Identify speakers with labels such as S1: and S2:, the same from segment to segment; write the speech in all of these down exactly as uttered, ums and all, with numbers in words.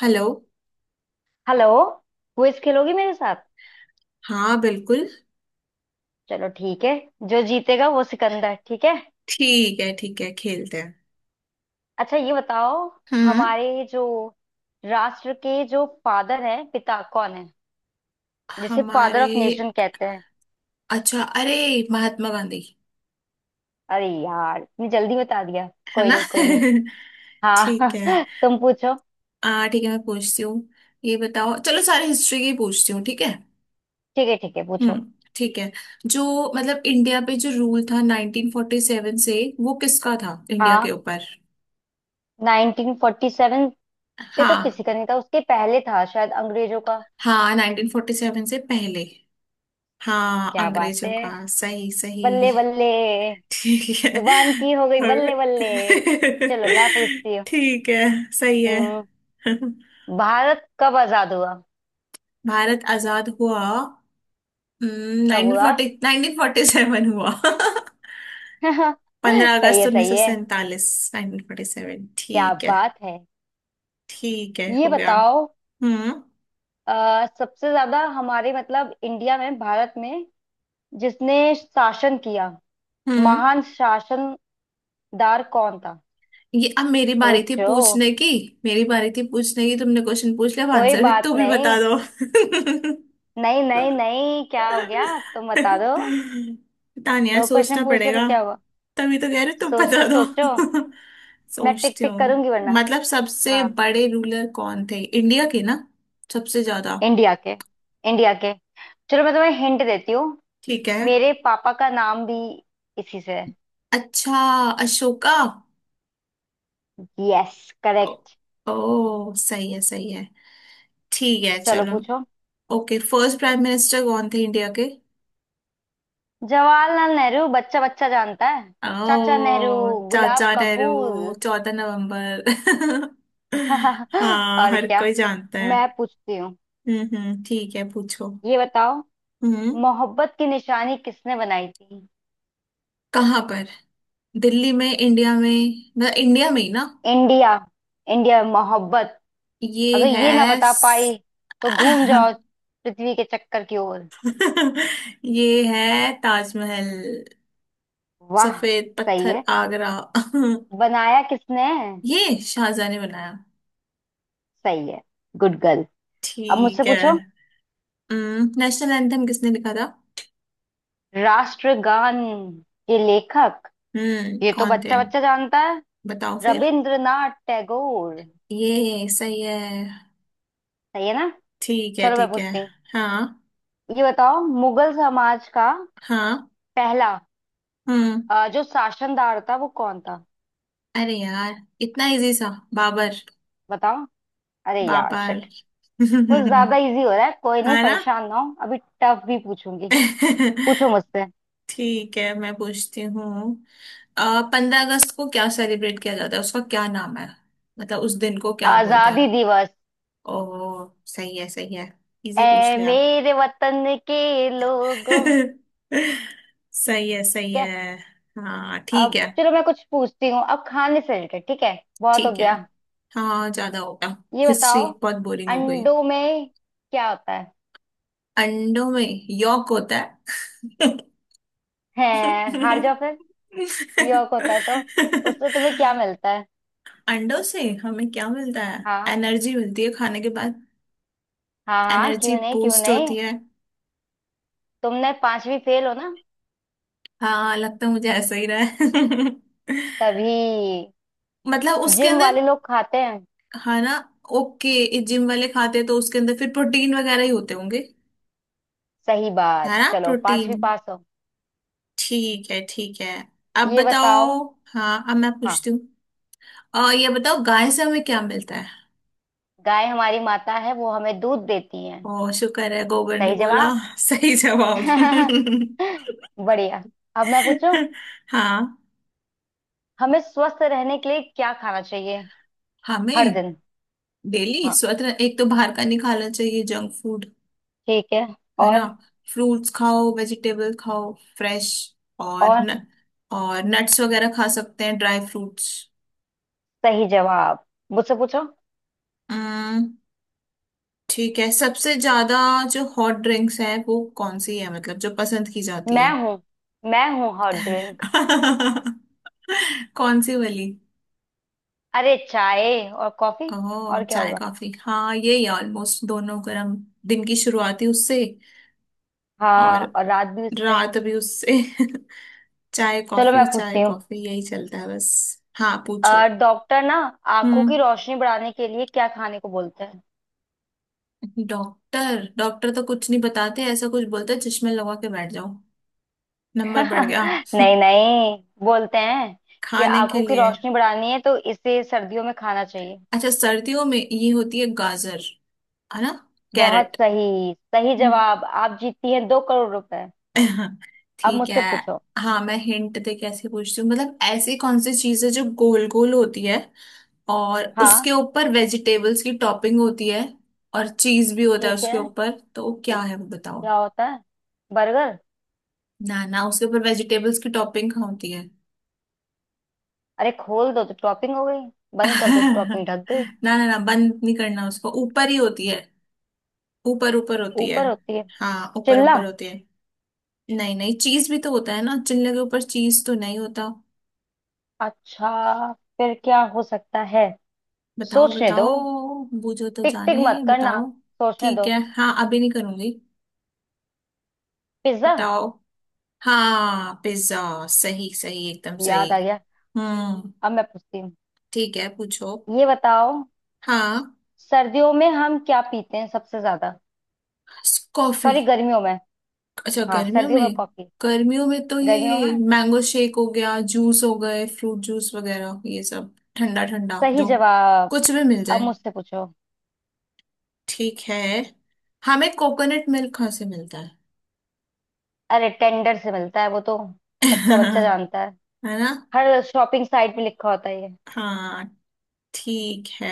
S1: Hello.
S2: Hello. Quiz खेलोगी मेरे साथ?
S1: हाँ, बिल्कुल।
S2: चलो ठीक है। जो जीतेगा वो सिकंदर, ठीक है।
S1: ठीक है, ठीक है, खेलते हैं।
S2: अच्छा ये बताओ।
S1: हम्म
S2: हमारे जो राष्ट्र के जो फादर हैं, पिता कौन है, जिसे फादर
S1: हमारे,
S2: ऑफ नेशन कहते हैं?
S1: अच्छा, अरे, महात्मा गांधी।
S2: अरे यार इतनी जल्दी बता दिया।
S1: है
S2: कोई
S1: ना
S2: नहीं कोई नहीं।
S1: ठीक
S2: हाँ
S1: है।
S2: तुम पूछो।
S1: आ ठीक है, मैं पूछती हूँ। ये बताओ, चलो सारे हिस्ट्री की पूछती हूँ, ठीक है।
S2: ठीक है ठीक है पूछो।
S1: हम्म, ठीक है। जो, मतलब इंडिया पे जो रूल था नाइनटीन फोर्टी सेवन से वो किसका था इंडिया के
S2: हाँ
S1: ऊपर।
S2: नाइनटीन फोर्टी सेवन पे तो किसी
S1: हाँ।
S2: का नहीं था, उसके पहले था शायद अंग्रेजों का।
S1: हाँ, नाइनटीन फोर्टी सेवन से पहले। हाँ,
S2: क्या बात
S1: अंग्रेजों
S2: है,
S1: का। सही सही।
S2: बल्ले बल्ले।
S1: ठीक है।
S2: जुबान की हो गई
S1: और
S2: बल्ले बल्ले। चलो मैं पूछती हूँ।
S1: ठीक है। सही है।
S2: हम्म, भारत कब आजाद हुआ?
S1: भारत आजाद हुआ
S2: कब
S1: नाइनटीन
S2: हुआ?
S1: फोर्टी नाइनटीन फोर्टी सेवन हुआ पंद्रह
S2: सही
S1: अगस्त
S2: है
S1: उन्नीस
S2: सही
S1: सौ
S2: है।
S1: सैंतालीस नाइनटीन फोर्टी सेवन।
S2: क्या
S1: ठीक है।
S2: बात है।
S1: ठीक है,
S2: ये
S1: हो गया।
S2: बताओ।
S1: हम्म
S2: अ, सबसे ज्यादा हमारे, मतलब इंडिया में, भारत में जिसने शासन किया,
S1: हम्म
S2: महान शासनदार कौन था?
S1: ये अब मेरी बारी थी
S2: सोचो।
S1: पूछने की। मेरी बारी थी पूछने की, तुमने क्वेश्चन पूछ लिया, अब
S2: कोई
S1: आंसर भी
S2: बात
S1: तू भी बता
S2: नहीं।
S1: दो।
S2: नहीं नहीं नहीं, क्या हो गया? तुम बता दो।
S1: पता नहीं यार,
S2: दो क्वेश्चन
S1: सोचना
S2: पूछ लिया तो
S1: पड़ेगा।
S2: क्या हुआ?
S1: तभी तो कह रहे, तुम
S2: सोचो
S1: बता
S2: सोचो।
S1: दो।
S2: मैं टिक
S1: सोचती
S2: टिक
S1: हूँ।
S2: करूंगी वरना।
S1: मतलब सबसे
S2: हाँ।
S1: बड़े रूलर कौन थे इंडिया के ना। सबसे ज्यादा।
S2: इंडिया के, इंडिया के। चलो मैं तुम्हें हिंट देती हूँ।
S1: ठीक है।
S2: मेरे पापा का नाम भी इसी से है।
S1: अच्छा, अशोका।
S2: यस
S1: ओ,
S2: करेक्ट।
S1: ओ सही है, सही है। ठीक है,
S2: चलो
S1: चलो।
S2: पूछो।
S1: ओके, फर्स्ट प्राइम मिनिस्टर कौन थे इंडिया के।
S2: जवाहरलाल नेहरू, बच्चा बच्चा जानता है। चाचा नेहरू,
S1: ओ चाचा
S2: गुलाब का
S1: नेहरू।
S2: फूल
S1: चौदह नवंबर हाँ,
S2: और
S1: हर
S2: क्या,
S1: कोई जानता है।
S2: मैं पूछती हूँ।
S1: हम्म हम्म, ठीक है, पूछो।
S2: ये बताओ।
S1: हम्म,
S2: मोहब्बत की निशानी किसने बनाई थी?
S1: कहाँ पर? दिल्ली में, इंडिया में, मतलब इंडिया में ही ना?
S2: इंडिया, इंडिया मोहब्बत।
S1: ये
S2: अगर ये ना
S1: है
S2: बता
S1: स-
S2: पाई तो घूम जाओ, पृथ्वी के चक्कर की ओर।
S1: ये है ताजमहल।
S2: वाह।
S1: सफेद
S2: सही
S1: पत्थर,
S2: है।
S1: आगरा।
S2: बनाया किसने?
S1: ये शाहजहां ने बनाया।
S2: सही है, गुड गर्ल। अब मुझसे
S1: ठीक है।
S2: पूछो।
S1: हम्म, नेशनल एंथम किसने लिखा था?
S2: राष्ट्रगान के लेखक,
S1: हम्म,
S2: ये तो
S1: कौन थे?
S2: बच्चा बच्चा जानता है।
S1: बताओ फिर।
S2: रविंद्रनाथ टैगोर।
S1: ये सही है।
S2: सही है ना?
S1: ठीक है,
S2: चलो मैं
S1: ठीक है।
S2: पूछती हूँ।
S1: हाँ।
S2: ये बताओ, मुगल समाज का
S1: हाँ।
S2: पहला
S1: हम्म,
S2: अ, जो शासनदार था, वो कौन था?
S1: अरे यार, इतना इजी सा। बाबर।
S2: बताओ। अरे यार
S1: बाबर।
S2: शिट। कुछ ज्यादा इजी हो रहा है, कोई नहीं,
S1: हाँ ना
S2: परेशान ना हो, अभी टफ भी पूछूंगी। पूछो मुझसे।
S1: ठीक है, मैं पूछती हूँ। पंद्रह अगस्त को क्या सेलिब्रेट किया जाता है, उसका क्या नाम है? मतलब उस दिन को क्या बोलते
S2: आजादी
S1: हैं?
S2: दिवस।
S1: ओह, सही है, सही है। इजी पूछ
S2: ऐ
S1: लिया।
S2: मेरे वतन के लोगों
S1: सही है, सही
S2: ठीक है।
S1: है। हाँ,
S2: अब
S1: ठीक है।
S2: चलो मैं कुछ पूछती हूँ, अब खाने से रिलेटेड, ठीक है। बहुत हो
S1: ठीक है।
S2: गया।
S1: हाँ, ज्यादा हो गया।
S2: ये
S1: हिस्ट्री
S2: बताओ,
S1: बहुत बोरिंग हो गई।
S2: अंडों में क्या होता है?
S1: अंडों में यॉक होता है।
S2: है, हार जाओ फिर। यॉक होता है तो उससे तुम्हें क्या मिलता है?
S1: अंडों से हमें क्या मिलता है?
S2: हाँ
S1: एनर्जी मिलती है खाने के बाद।
S2: हाँ, हाँ
S1: एनर्जी
S2: क्यों नहीं क्यों
S1: बूस्ट होती
S2: नहीं।
S1: है।
S2: तुमने पांचवी फेल हो ना,
S1: हाँ, लगता है मुझे ऐसा ही रहा है
S2: तभी।
S1: मतलब उसके
S2: जिम
S1: अंदर,
S2: वाले लोग खाते हैं।
S1: है ना? ओके, जिम वाले खाते हैं तो उसके अंदर फिर प्रोटीन वगैरह ही होते होंगे,
S2: सही बात,
S1: है ना?
S2: चलो
S1: प्रोटीन।
S2: पांचवी पास हो।
S1: ठीक है, ठीक है। अब
S2: ये बताओ।
S1: बताओ। हाँ, अब मैं
S2: हाँ।
S1: पूछती हूँ। और ये बताओ, गाय से हमें क्या मिलता है?
S2: गाय हमारी माता है, वो हमें दूध देती है।
S1: ओ शुक्र है गोबर ने
S2: सही
S1: बोला
S2: जवाब
S1: सही जवाब।
S2: बढ़िया। अब मैं पूछूं,
S1: हाँ।
S2: हमें स्वस्थ रहने के लिए क्या खाना चाहिए हर
S1: हमें
S2: दिन?
S1: डेली
S2: हाँ
S1: स्वतः एक तो बाहर का नहीं खाना चाहिए, जंक फूड,
S2: ठीक है।
S1: है ना?
S2: और।
S1: फ्रूट्स खाओ, वेजिटेबल खाओ, फ्रेश। और
S2: और।
S1: न, और नट्स वगैरह खा सकते हैं, ड्राई फ्रूट्स।
S2: सही जवाब। मुझसे पूछो।
S1: हम्म, ठीक है। सबसे ज्यादा जो हॉट ड्रिंक्स है वो कौन सी है, मतलब जो पसंद की जाती
S2: मैं
S1: है।
S2: हूँ, मैं हूँ हॉट ड्रिंक।
S1: कौन सी वाली?
S2: अरे चाय और कॉफी,
S1: ओह,
S2: और क्या
S1: चाय
S2: होगा।
S1: कॉफी, हाँ, ये ही ऑलमोस्ट, दोनों गर्म। दिन की शुरुआत ही उससे। और
S2: हाँ, और रात भी उससे।
S1: रात भी उससे चाय
S2: चलो मैं
S1: कॉफी, चाय
S2: पूछती हूँ।
S1: कॉफी, यही चलता है बस। हाँ, पूछो।
S2: अ, डॉक्टर ना, आंखों की
S1: हम्म,
S2: रोशनी बढ़ाने के लिए क्या खाने को बोलते हैं?
S1: डॉक्टर डॉक्टर तो कुछ नहीं बताते, ऐसा कुछ बोलते चश्मे लगा के बैठ जाओ, नंबर बढ़ गया।
S2: नहीं नहीं, बोलते हैं कि
S1: खाने के
S2: आंखों की
S1: लिए?
S2: रोशनी बढ़ानी है तो इसे सर्दियों में खाना चाहिए।
S1: अच्छा, सर्दियों में ये होती है, गाजर, है ना?
S2: बहुत
S1: कैरेट।
S2: सही, सही
S1: हम्म।
S2: जवाब, आप जीतती हैं दो करोड़ रुपए। अब
S1: ठीक है।
S2: मुझसे पूछो।
S1: हाँ, मैं हिंट दे के ऐसे पूछती हूँ। मतलब ऐसी कौन सी चीज है जो गोल गोल होती है, और
S2: हाँ
S1: उसके ऊपर वेजिटेबल्स की टॉपिंग होती है, और चीज भी होता है
S2: ठीक
S1: उसके
S2: है।
S1: ऊपर, तो वो क्या है वो बताओ।
S2: क्या होता है? बर्गर।
S1: ना ना, उसके ऊपर वेजिटेबल्स की टॉपिंग होती है।
S2: अरे खोल दो तो टॉपिंग हो गई, बंद कर दो तो टॉपिंग ढक गई।
S1: ना ना ना, बंद नहीं करना, उसको ऊपर ही होती है। ऊपर ऊपर होती है।
S2: ऊपर होती है।
S1: हाँ, ऊपर
S2: चिल्ला।
S1: ऊपर होती है। नहीं नहीं, चीज भी तो होता है ना, चिल्ले के ऊपर चीज तो नहीं होता।
S2: अच्छा फिर क्या हो सकता है?
S1: बताओ,
S2: सोचने दो।
S1: बताओ। बूझो तो
S2: टिक टिक
S1: जाने,
S2: मत करना,
S1: बताओ।
S2: सोचने
S1: ठीक
S2: दो।
S1: है, हाँ, अभी नहीं करूंगी।
S2: पिज्जा।
S1: बताओ। हाँ, पिज्जा। सही सही, एकदम सही।
S2: याद आ गया।
S1: हम्म,
S2: अब मैं पूछती हूँ।
S1: ठीक है, पूछो।
S2: ये बताओ,
S1: हाँ,
S2: सर्दियों में हम क्या पीते हैं सबसे ज्यादा?
S1: कॉफी।
S2: सॉरी, गर्मियों में।
S1: अच्छा,
S2: हाँ,
S1: गर्मियों
S2: सर्दियों में
S1: में?
S2: कॉफी।
S1: गर्मियों में तो
S2: गर्मियों
S1: ये
S2: में।
S1: मैंगो शेक हो गया, जूस हो गए, फ्रूट जूस वगैरह, ये सब ठंडा ठंडा
S2: सही
S1: जो
S2: जवाब।
S1: कुछ भी मिल
S2: अब
S1: जाए।
S2: मुझसे पूछो।
S1: ठीक है। हमें कोकोनट मिल्क कहाँ से मिलता है?
S2: अरे टेंडर से मिलता है वो तो, बच्चा बच्चा जानता है।
S1: है ना?
S2: हर शॉपिंग साइट में लिखा होता है ये।
S1: हाँ, ठीक है।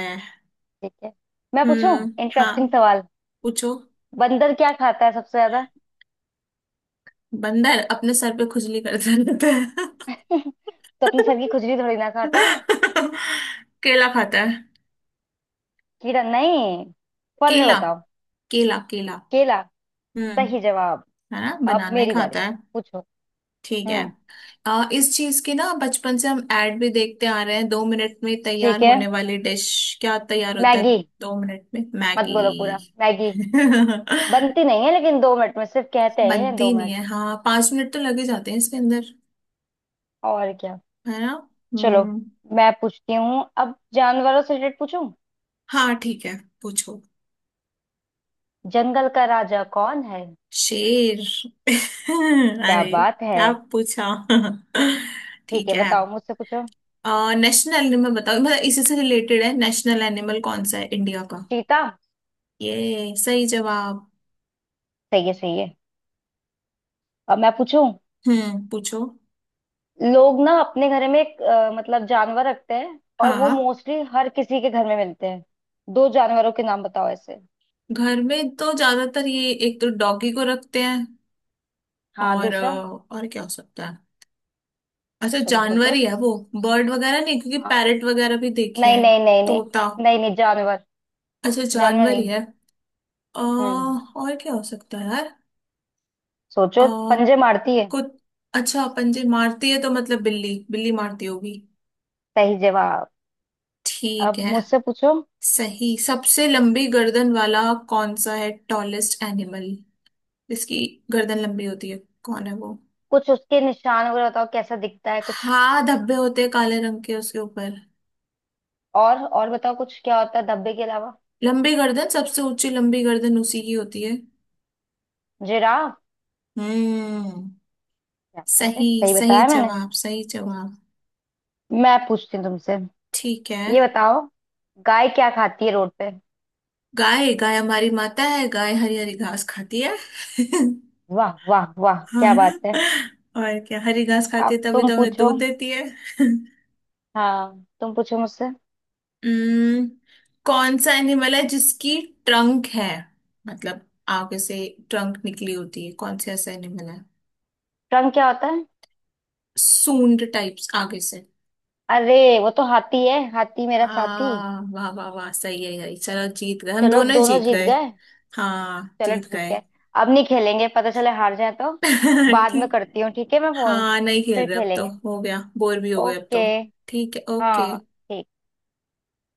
S2: ठीक है, मैं पूछूं।
S1: हम्म, हाँ,
S2: इंटरेस्टिंग सवाल।
S1: पूछो।
S2: बंदर क्या खाता है सबसे ज्यादा?
S1: बंदर अपने सर पे खुजली करता रहता है।
S2: तो अपने सर की खुजली थोड़ी ना खाता है।
S1: केला खाता है।
S2: कीड़ा नहीं, फल में
S1: केला,
S2: बताओ।
S1: केला, केला।
S2: केला। सही
S1: हम्म।
S2: जवाब।
S1: है ना,
S2: अब
S1: बनाना ही
S2: मेरी बारी,
S1: खाता है।
S2: पूछो।
S1: ठीक है।
S2: हम्म,
S1: अ, इस चीज की ना बचपन से हम ऐड भी देखते आ रहे हैं, दो मिनट में तैयार
S2: ठीक है।
S1: होने वाली डिश। क्या तैयार होता है?
S2: मैगी।
S1: दो मिनट में
S2: मत बोलो पूरा
S1: मैगी।
S2: मैगी। बनती नहीं है लेकिन, दो मिनट में सिर्फ कहते हैं ये, दो
S1: बनती नहीं
S2: मिनट
S1: है, हाँ, पांच मिनट तो लगे जाते हैं इसके अंदर,
S2: और क्या।
S1: है ना?
S2: चलो,
S1: हम्म।
S2: मैं पूछती हूँ अब जानवरों से रिलेटेड पूछूं।
S1: हाँ, ठीक है, पूछो।
S2: जंगल का राजा कौन है?
S1: शेर।
S2: क्या
S1: अरे,
S2: बात है।
S1: क्या पूछा
S2: ठीक
S1: ठीक
S2: है,
S1: है।
S2: बताओ मुझसे पूछो।
S1: आ, नेशनल एनिमल बताओ, मतलब इसी से रिलेटेड है, नेशनल एनिमल कौन सा है इंडिया का?
S2: चीता।
S1: ये सही जवाब।
S2: सही है सही है। अब मैं पूछूं,
S1: हम्म, पूछो।
S2: लोग ना अपने घर में एक अ, मतलब जानवर रखते हैं, और वो
S1: हाँ,
S2: मोस्टली हर किसी के घर में मिलते हैं। दो जानवरों के नाम बताओ ऐसे।
S1: घर में तो ज्यादातर ये एक तो डॉगी को रखते हैं।
S2: हाँ,
S1: और अ,
S2: दूसरा।
S1: और क्या हो सकता है? अच्छा,
S2: तुम
S1: जानवर
S2: सोचो।
S1: ही है वो? बर्ड वगैरह नहीं, क्योंकि
S2: हाँ।
S1: पैरट वगैरह भी देखे
S2: नहीं
S1: हैं।
S2: नहीं नहीं नहीं।
S1: तोता।
S2: नहीं नहीं, जानवर।
S1: अच्छा,
S2: जानवर
S1: जानवर ही
S2: नहीं।
S1: है। अ,
S2: हम्म।
S1: और क्या हो सकता है यार? अ,
S2: सोचो, पंजे मारती है।
S1: कुछ, अच्छा पंजे मारती है तो मतलब बिल्ली, बिल्ली मारती होगी।
S2: सही जवाब।
S1: ठीक
S2: अब
S1: है।
S2: मुझसे पूछो।
S1: सही, सबसे लंबी गर्दन वाला कौन सा है, टॉलेस्ट एनिमल, जिसकी गर्दन लंबी होती है, कौन है वो?
S2: कुछ उसके निशान वगैरह बताओ, कैसा दिखता है कुछ।
S1: हाँ, धब्बे होते हैं काले रंग के उसके ऊपर।
S2: और और बताओ कुछ, क्या होता है धब्बे के अलावा?
S1: लंबी गर्दन, सबसे ऊंची लंबी गर्दन उसी की होती है।
S2: जिराफ।
S1: हम्म,
S2: क्या बात है,
S1: सही
S2: सही
S1: सही
S2: बताया मैंने।
S1: जवाब, सही जवाब।
S2: मैं पूछती हूँ तुमसे।
S1: ठीक है।
S2: ये बताओ, गाय क्या खाती है रोड पे?
S1: गाय, गाय हमारी माता है, गाय हरी हरी घास खाती है
S2: वाह वाह वाह, क्या
S1: और
S2: बात है।
S1: और क्या, हरी घास खाती
S2: अब
S1: है तभी
S2: तुम
S1: तो हमें
S2: पूछो।
S1: दूध देती है।
S2: हाँ, तुम पूछो मुझसे।
S1: हम्म, कौन सा एनिमल है जिसकी ट्रंक है, मतलब आगे से ट्रंक निकली होती है, कौन सा ऐसा एनिमल है?
S2: रंग क्या होता है?
S1: सूंड टाइप्स आगे से।
S2: अरे वो तो हाथी है, हाथी मेरा साथी।
S1: हाँ, वाह वाह वाह, सही है, यही, चलो जीत गए, हम
S2: चलो
S1: दोनों ही
S2: दोनों
S1: जीत
S2: जीत
S1: गए।
S2: गए।
S1: हाँ,
S2: चलो
S1: जीत
S2: ठीक
S1: गए।
S2: है। अब नहीं खेलेंगे, पता चले हार जाए तो। बाद में
S1: ठीक।
S2: करती हूँ, ठीक है मैं फोन।
S1: हाँ, नहीं खेल
S2: फिर
S1: रहे अब तो,
S2: खेलेंगे।
S1: हो गया, बोर भी हो गए अब
S2: ओके।
S1: तो। ठीक है,
S2: हाँ
S1: ओके।
S2: ठीक